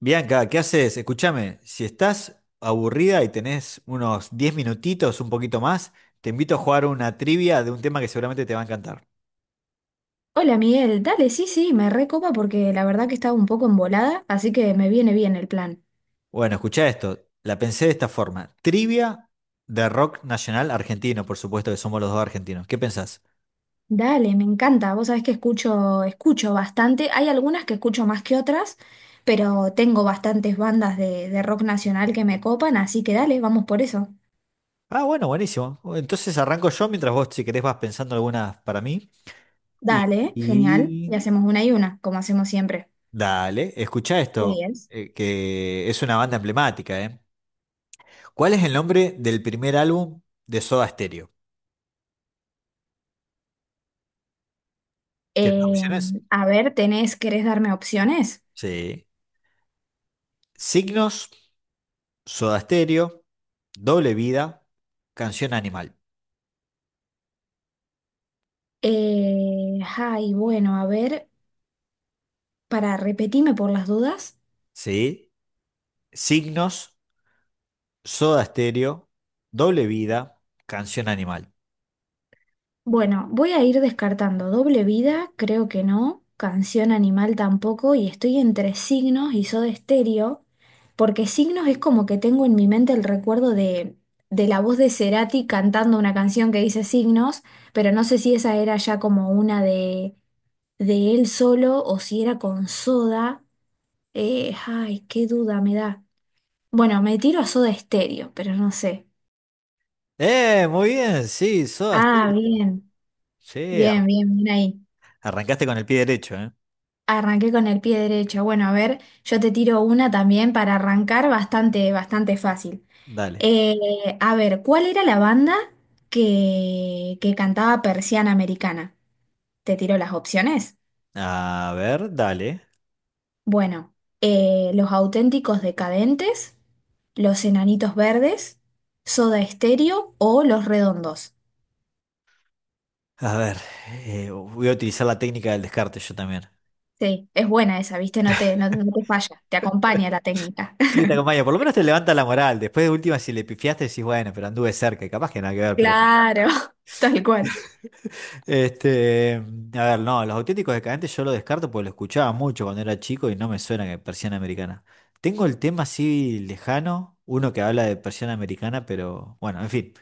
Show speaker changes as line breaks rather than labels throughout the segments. Bianca, ¿qué haces? Escúchame, si estás aburrida y tenés unos 10 minutitos, un poquito más, te invito a jugar una trivia de un tema que seguramente te va a encantar.
Hola Miguel, dale, sí, sí, me recopa porque la verdad que estaba un poco embolada, así que me viene bien el plan.
Bueno, escuchá esto, la pensé de esta forma. Trivia de rock nacional argentino, por supuesto que somos los dos argentinos. ¿Qué pensás?
Dale, me encanta, vos sabés que escucho, escucho bastante, hay algunas que escucho más que otras, pero tengo bastantes bandas de rock nacional que me copan, así que dale, vamos por eso.
Ah, bueno, buenísimo. Entonces arranco yo mientras vos, si querés, vas pensando algunas para mí. Y,
Dale, genial,
y-
y hacemos una y una, como hacemos siempre.
Dale, escuchá
De
esto,
10.
que es una banda emblemática, ¿eh? ¿Cuál es el nombre del primer álbum de Soda Stereo? ¿Quieres
Eh,
opciones?
a ver, tenés, ¿querés darme opciones?
Sí. Signos, Soda Stereo, Doble Vida, Canción Animal.
Ay, bueno, a ver, para repetirme por las dudas.
Sí. Signos, Soda Stereo, Doble Vida, Canción Animal.
Bueno, voy a ir descartando doble vida, creo que no, canción animal tampoco, y estoy entre signos y Soda Stereo, porque signos es como que tengo en mi mente el recuerdo de la voz de Cerati cantando una canción que dice signos, pero no sé si esa era ya como una de él solo o si era con Soda. Ay, qué duda me da. Bueno, me tiro a Soda Stereo, pero no sé.
¡Eh! Muy bien, sí, Soda
Ah,
Stereo.
bien,
Sí, ar-
bien, bien, bien ahí.
Arrancaste con el pie derecho, ¿eh?
Arranqué con el pie derecho. Bueno, a ver, yo te tiro una también para arrancar bastante, bastante fácil.
Dale.
A ver, ¿cuál era la banda que cantaba Persiana Americana? Te tiro las opciones.
A ver, dale.
Bueno, Los Auténticos Decadentes, Los Enanitos Verdes, Soda Stereo o Los Redondos.
A ver, voy a utilizar la técnica del descarte yo también.
Sí, es buena esa, ¿viste? No te falla, te acompaña la técnica.
Sí, te acompaño. Por lo menos te levanta la moral. Después de última, si le pifiaste, decís, bueno, pero anduve cerca. Y capaz que nada que ver, pero bueno.
Claro, tal cual.
Este, a ver, no, los auténticos decadentes yo lo descarto porque lo escuchaba mucho cuando era chico y no me suena que persiana americana. Tengo el tema así lejano, uno que habla de persiana americana, pero bueno, en fin.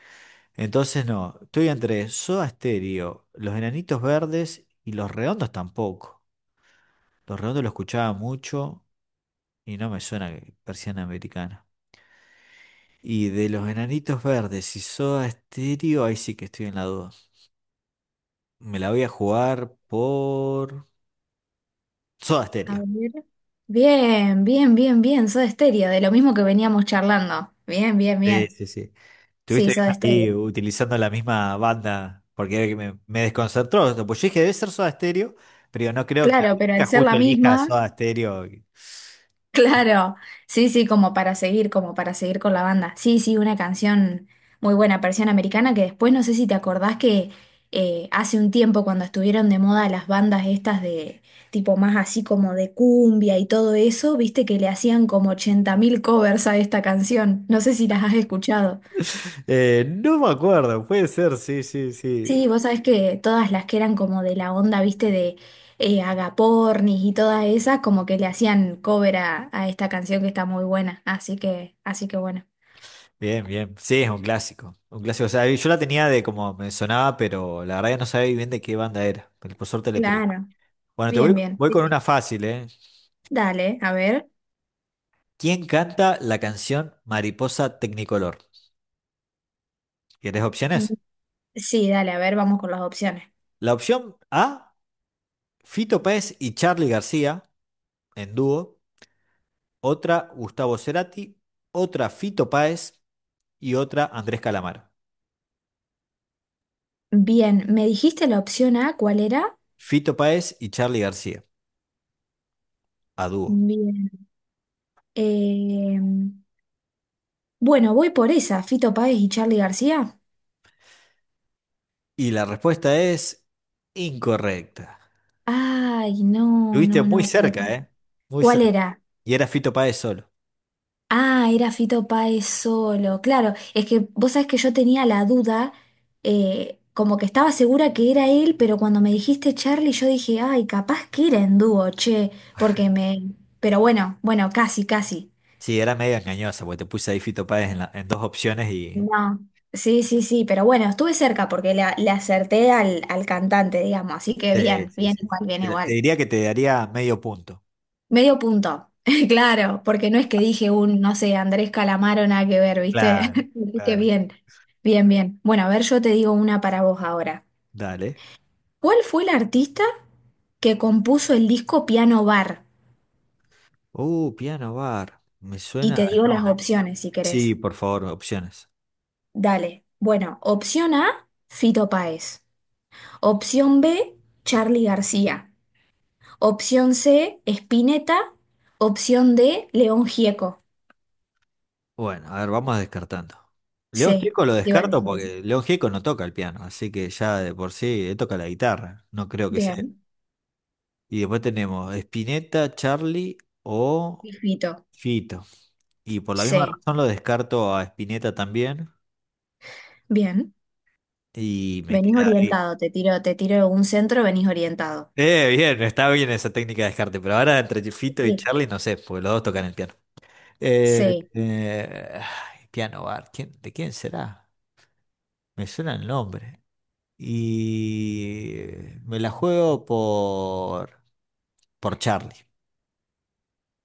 Entonces no, estoy entre Soda Stereo, Los Enanitos Verdes y Los Redondos tampoco. Los Redondos lo escuchaba mucho y no me suena que persiana americana. Y de Los Enanitos Verdes y Soda Stereo, ahí sí que estoy en la duda. Me la voy a jugar por... Soda
A
Stereo.
ver. Bien, bien, bien, bien. Soda Stereo, de lo mismo que veníamos charlando. Bien, bien,
Sí,
bien.
sí, sí.
Sí,
Estuviste
Soda
ahí
Stereo.
utilizando la misma banda, porque me desconcertó. Pues yo dije, debe ser Soda Stereo, pero digo, no creo que
Claro, pero al
Blanca
ser la
justo elija
misma,
Soda Stereo.
claro. Sí, sí, como para seguir con la banda. Sí, sí, una canción muy buena, versión americana, que después no sé si te acordás que hace un tiempo cuando estuvieron de moda las bandas estas de tipo más así como de cumbia y todo eso, viste que le hacían como 80.000 covers a esta canción. No sé si las has escuchado.
No me acuerdo, puede ser, sí, sí, sí.
Sí, vos sabés que todas las que eran como de la onda, viste, de Agapornis y todas esas, como que le hacían cover a esta canción que está muy buena. Así que bueno.
Bien, bien. Sí, es un clásico. Un clásico. O sea, yo la tenía de como me sonaba, pero la verdad que no sabía bien de qué banda era. Pero por suerte le pegué.
Claro,
Bueno,
bien, bien.
voy
Sí,
con
sí.
una fácil, ¿eh?
Dale, a ver.
¿Quién canta la canción Mariposa Tecnicolor? ¿Querés
Mm.
opciones?
Sí, dale, a ver, vamos con las opciones.
La opción A, Fito Páez y Charly García en dúo. Otra, Gustavo Cerati. Otra, Fito Páez. Y otra, Andrés Calamaro.
Bien, ¿me dijiste la opción A cuál era?
Fito Páez y Charly García a dúo.
Bien. Eh, bueno, voy por esa, Fito Páez y Charly García.
Y la respuesta es incorrecta.
Ay, no,
Estuviste
no,
muy
no. Pará,
cerca,
pará.
¿eh? Muy
¿Cuál
cerca.
era?
Y era Fito Páez solo.
Ah, era Fito Páez solo. Claro, es que vos sabés que yo tenía la duda, como que estaba segura que era él, pero cuando me dijiste Charlie, yo dije, ay, capaz que era en dúo, che, porque me. Pero bueno, bueno, casi, casi.
Sí, era medio engañosa porque te puse ahí Fito Páez en dos opciones y...
No. Sí, sí, sí, pero bueno, estuve cerca porque le acerté al cantante, digamos, así que
Sí,
bien,
sí,
bien
sí,
igual,
sí.
bien
Te
igual.
diría que te daría medio punto.
Medio punto, claro, porque no es que dije un, no sé, Andrés Calamaro, nada que ver, ¿viste?
Claro,
Así que
claro, claro.
bien, bien, bien. Bueno, a ver, yo te digo una para vos ahora.
Dale.
¿Cuál fue el artista que compuso el disco Piano Bar?
Piano bar. Me
Y
suena
te
el
digo las
nombre.
opciones si
Sí,
querés.
por favor, opciones.
Dale. Bueno, opción A, Fito Páez. Opción B, Charly García. Opción C, Spinetta. Opción D, León Gieco.
Bueno, a ver, vamos descartando. León
Sí,
Gieco lo
iba a
descarto
decir eso.
porque León Gieco no toca el piano, así que ya de por sí él toca la guitarra, no creo que sea.
Bien,
Y después tenemos Spinetta, Charlie o
y Fito.
Fito. Y por la misma
Sí.
razón lo descarto a Spinetta también
Bien,
y me
venís
queda ahí.
orientado, te tiro un centro, venís orientado.
Bien, está bien esa técnica de descarte, pero ahora entre Fito y
Sí.
Charlie no sé, porque los dos tocan el piano.
Sí,
Ay, Piano Bar, ¿de quién será? Me suena el nombre. Y me la juego por Charlie.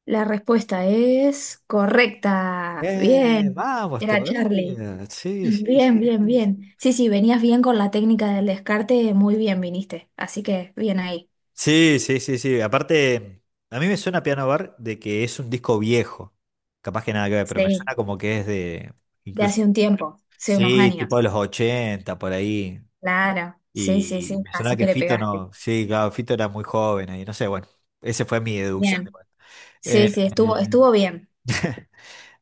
la respuesta es correcta. Bien,
Vamos
era Charlie.
todavía. Sí, sí,
Bien,
sí,
bien,
sí,
bien. Sí, sí, venías bien con la técnica del descarte, muy bien viniste. Así que bien ahí.
sí, sí, sí, sí. sí. Aparte, a mí me suena Piano Bar de que es un disco viejo. Capaz que nada que ver, pero me
Sí,
suena como que es de
de hace
incluso,
un tiempo, hace unos
sí,
años.
tipo de los 80 por ahí.
Claro, sí, sí,
Y
sí,
me sonaba
así que
que
le
Fito
pegaste.
no, sí, claro, Fito era muy joven y no sé, bueno, esa fue mi deducción
Bien.
igual.
Sí,
Eh,
sí, estuvo bien,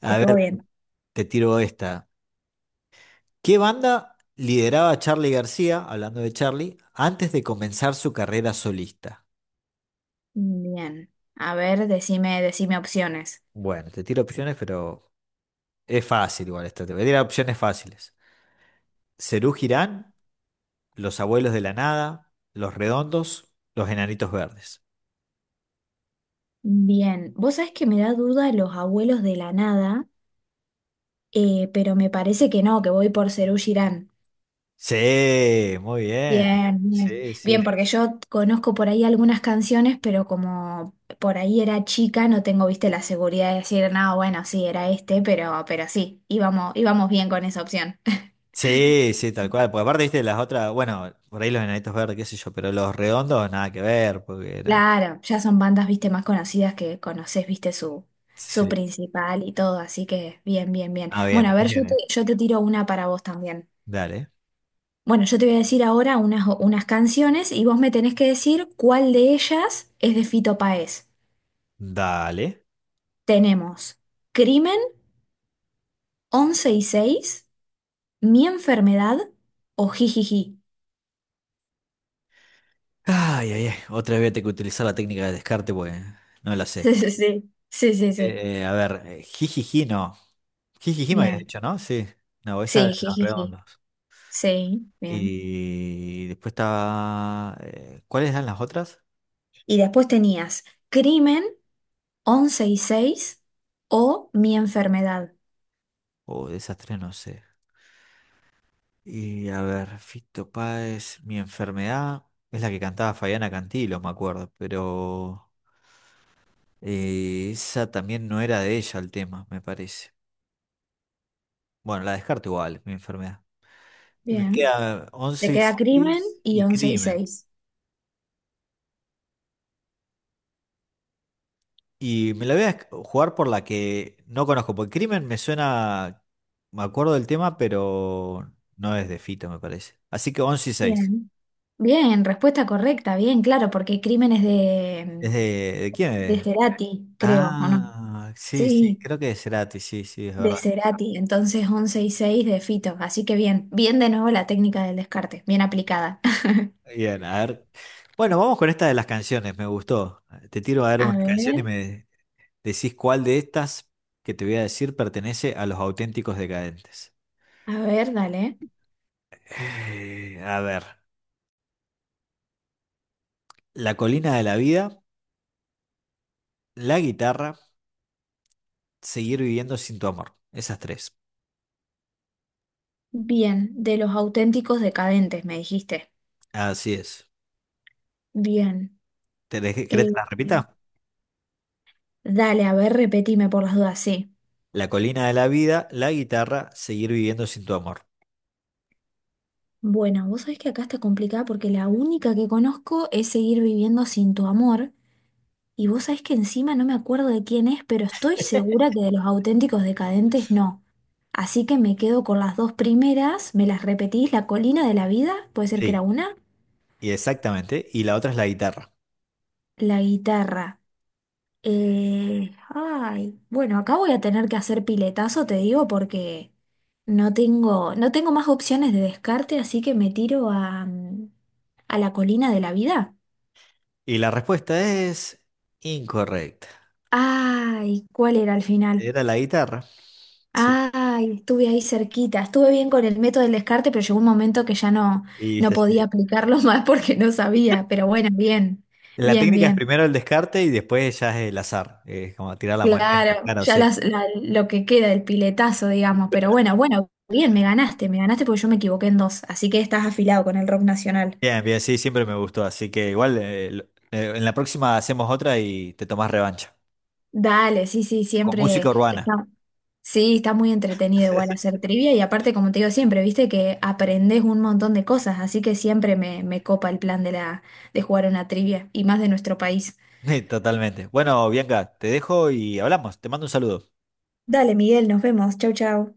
a
estuvo
ver,
bien.
te tiro esta. ¿Qué banda lideraba Charly García, hablando de Charly, antes de comenzar su carrera solista?
Bien. A ver, decime opciones.
Bueno, te tiro opciones, pero es fácil igual esta. Te voy a tirar opciones fáciles. Serú Girán, Los Abuelos de la Nada, Los Redondos, Los Enanitos Verdes.
Bien, vos sabés que me da duda los abuelos de la nada, pero me parece que no, que voy por Serú Girán.
Sí, muy bien.
Bien, bien,
Sí,
bien,
sí,
porque yo conozco por ahí algunas canciones, pero como por ahí era chica, no tengo, viste, la seguridad de decir, no, bueno, sí, era este, pero sí, íbamos, íbamos bien con esa opción.
sí, sí, tal cual. Porque aparte, viste, las otras, bueno, por ahí los enanitos verdes, qué sé yo, pero los redondos nada que ver, porque era.
Claro, ya son bandas, viste, más conocidas que conoces, viste, su
Sí.
principal y todo, así que bien, bien, bien.
Ah, bien,
Bueno,
me
a ver, yo te,
dijeron.
yo te tiro una para vos también.
Dale,
Bueno, yo te voy a decir ahora unas canciones y vos me tenés que decir cuál de ellas es de Fito Páez.
dale.
Tenemos Crimen, 11 y 6, Mi enfermedad o Jijiji.
Ay, ay, ay. Otra vez voy a tener que utilizar la técnica de descarte, pues no la
Sí,
sé.
sí, sí, sí, sí, sí.
Jijiji, no. Jijiji me habías
Bien.
dicho, ¿no? Sí. No, esa de
Sí,
los
Jijiji.
redondos.
Sí, bien.
Y después estaba, ¿cuáles eran las otras?
Y después tenías Crimen, 11 y 6 o Mi enfermedad.
Oh, de esas tres no sé. Y a ver, Fito Páez, mi enfermedad es la que cantaba Fabiana Cantilo, me acuerdo, pero esa también no era de ella el tema, me parece. Bueno, la descarto igual, mi enfermedad. Y me
Bien.
queda
Te
11 y
queda Crimen
6
y
y
11 y
Crimen.
6.
Y me la voy a jugar por la que no conozco, porque Crimen me suena, me acuerdo del tema, pero no es de Fito, me parece. Así que 11 y seis.
Bien. Bien, respuesta correcta, bien, claro, porque Crimen es
¿Es de quién
de
es?
Cerati, creo, ¿o no?
Ah, sí, sí,
Sí,
creo que es Cerati, sí, sí, es
de
verdad.
Cerati, entonces 11 y 6 de Fito, así que bien, bien de nuevo la técnica del descarte, bien aplicada.
Bien, a ver. Bueno, vamos con esta de las canciones, me gustó. Te tiro a dar
A
una canción y
ver,
me decís cuál de estas que te voy a decir pertenece a los auténticos decadentes.
a ver, dale.
A ver, La colina de la vida, La guitarra, Seguir viviendo sin tu amor. Esas tres.
Bien, de los auténticos decadentes, me dijiste.
Así es.
Bien.
¿Querés que
eh,
las repita?
dale, a ver, repetime por las dudas, sí.
La colina de la vida, La guitarra, Seguir viviendo sin tu amor.
Bueno, vos sabés que acá está complicada porque la única que conozco es Seguir viviendo sin tu amor. Y vos sabés que encima no me acuerdo de quién es, pero estoy segura que de los auténticos decadentes no. Así que me quedo con las dos primeras, me las repetís, la colina de la vida, puede ser que era
Sí,
una,
y exactamente. Y la otra es la guitarra.
la guitarra. Ay, bueno, acá voy a tener que hacer piletazo, te digo, porque no tengo más opciones de descarte, así que me tiro a, mm, a la colina de la vida.
Y la respuesta es incorrecta.
Ay, ¿cuál era al final?
Era la guitarra. Sí.
Ay, estuve ahí cerquita. Estuve bien con el método del descarte, pero llegó un momento que ya no,
Y
no
sí,
podía
sí.
aplicarlo más porque no sabía. Pero bueno, bien,
La
bien,
técnica es
bien.
primero el descarte y después ya es el azar. Es como tirar la moneda.
Claro,
Claro,
ya
sí.
las- la- lo que queda, el piletazo, digamos. Pero bueno, bueno, bien, me ganaste porque yo me equivoqué en dos. Así que estás afilado con el rock nacional.
Bien, bien, sí, siempre me gustó. Así que igual en la próxima hacemos otra y te tomás revancha.
Dale, sí, sí,
Con música
siempre
urbana.
está, sí, está muy entretenido igual hacer trivia y aparte, como te digo siempre, viste que aprendes un montón de cosas, así que siempre me copa el plan de la, de jugar una trivia y más de nuestro país.
Totalmente. Bueno, Bianca, te dejo y hablamos. Te mando un saludo.
Dale, Miguel, nos vemos. Chau, chau.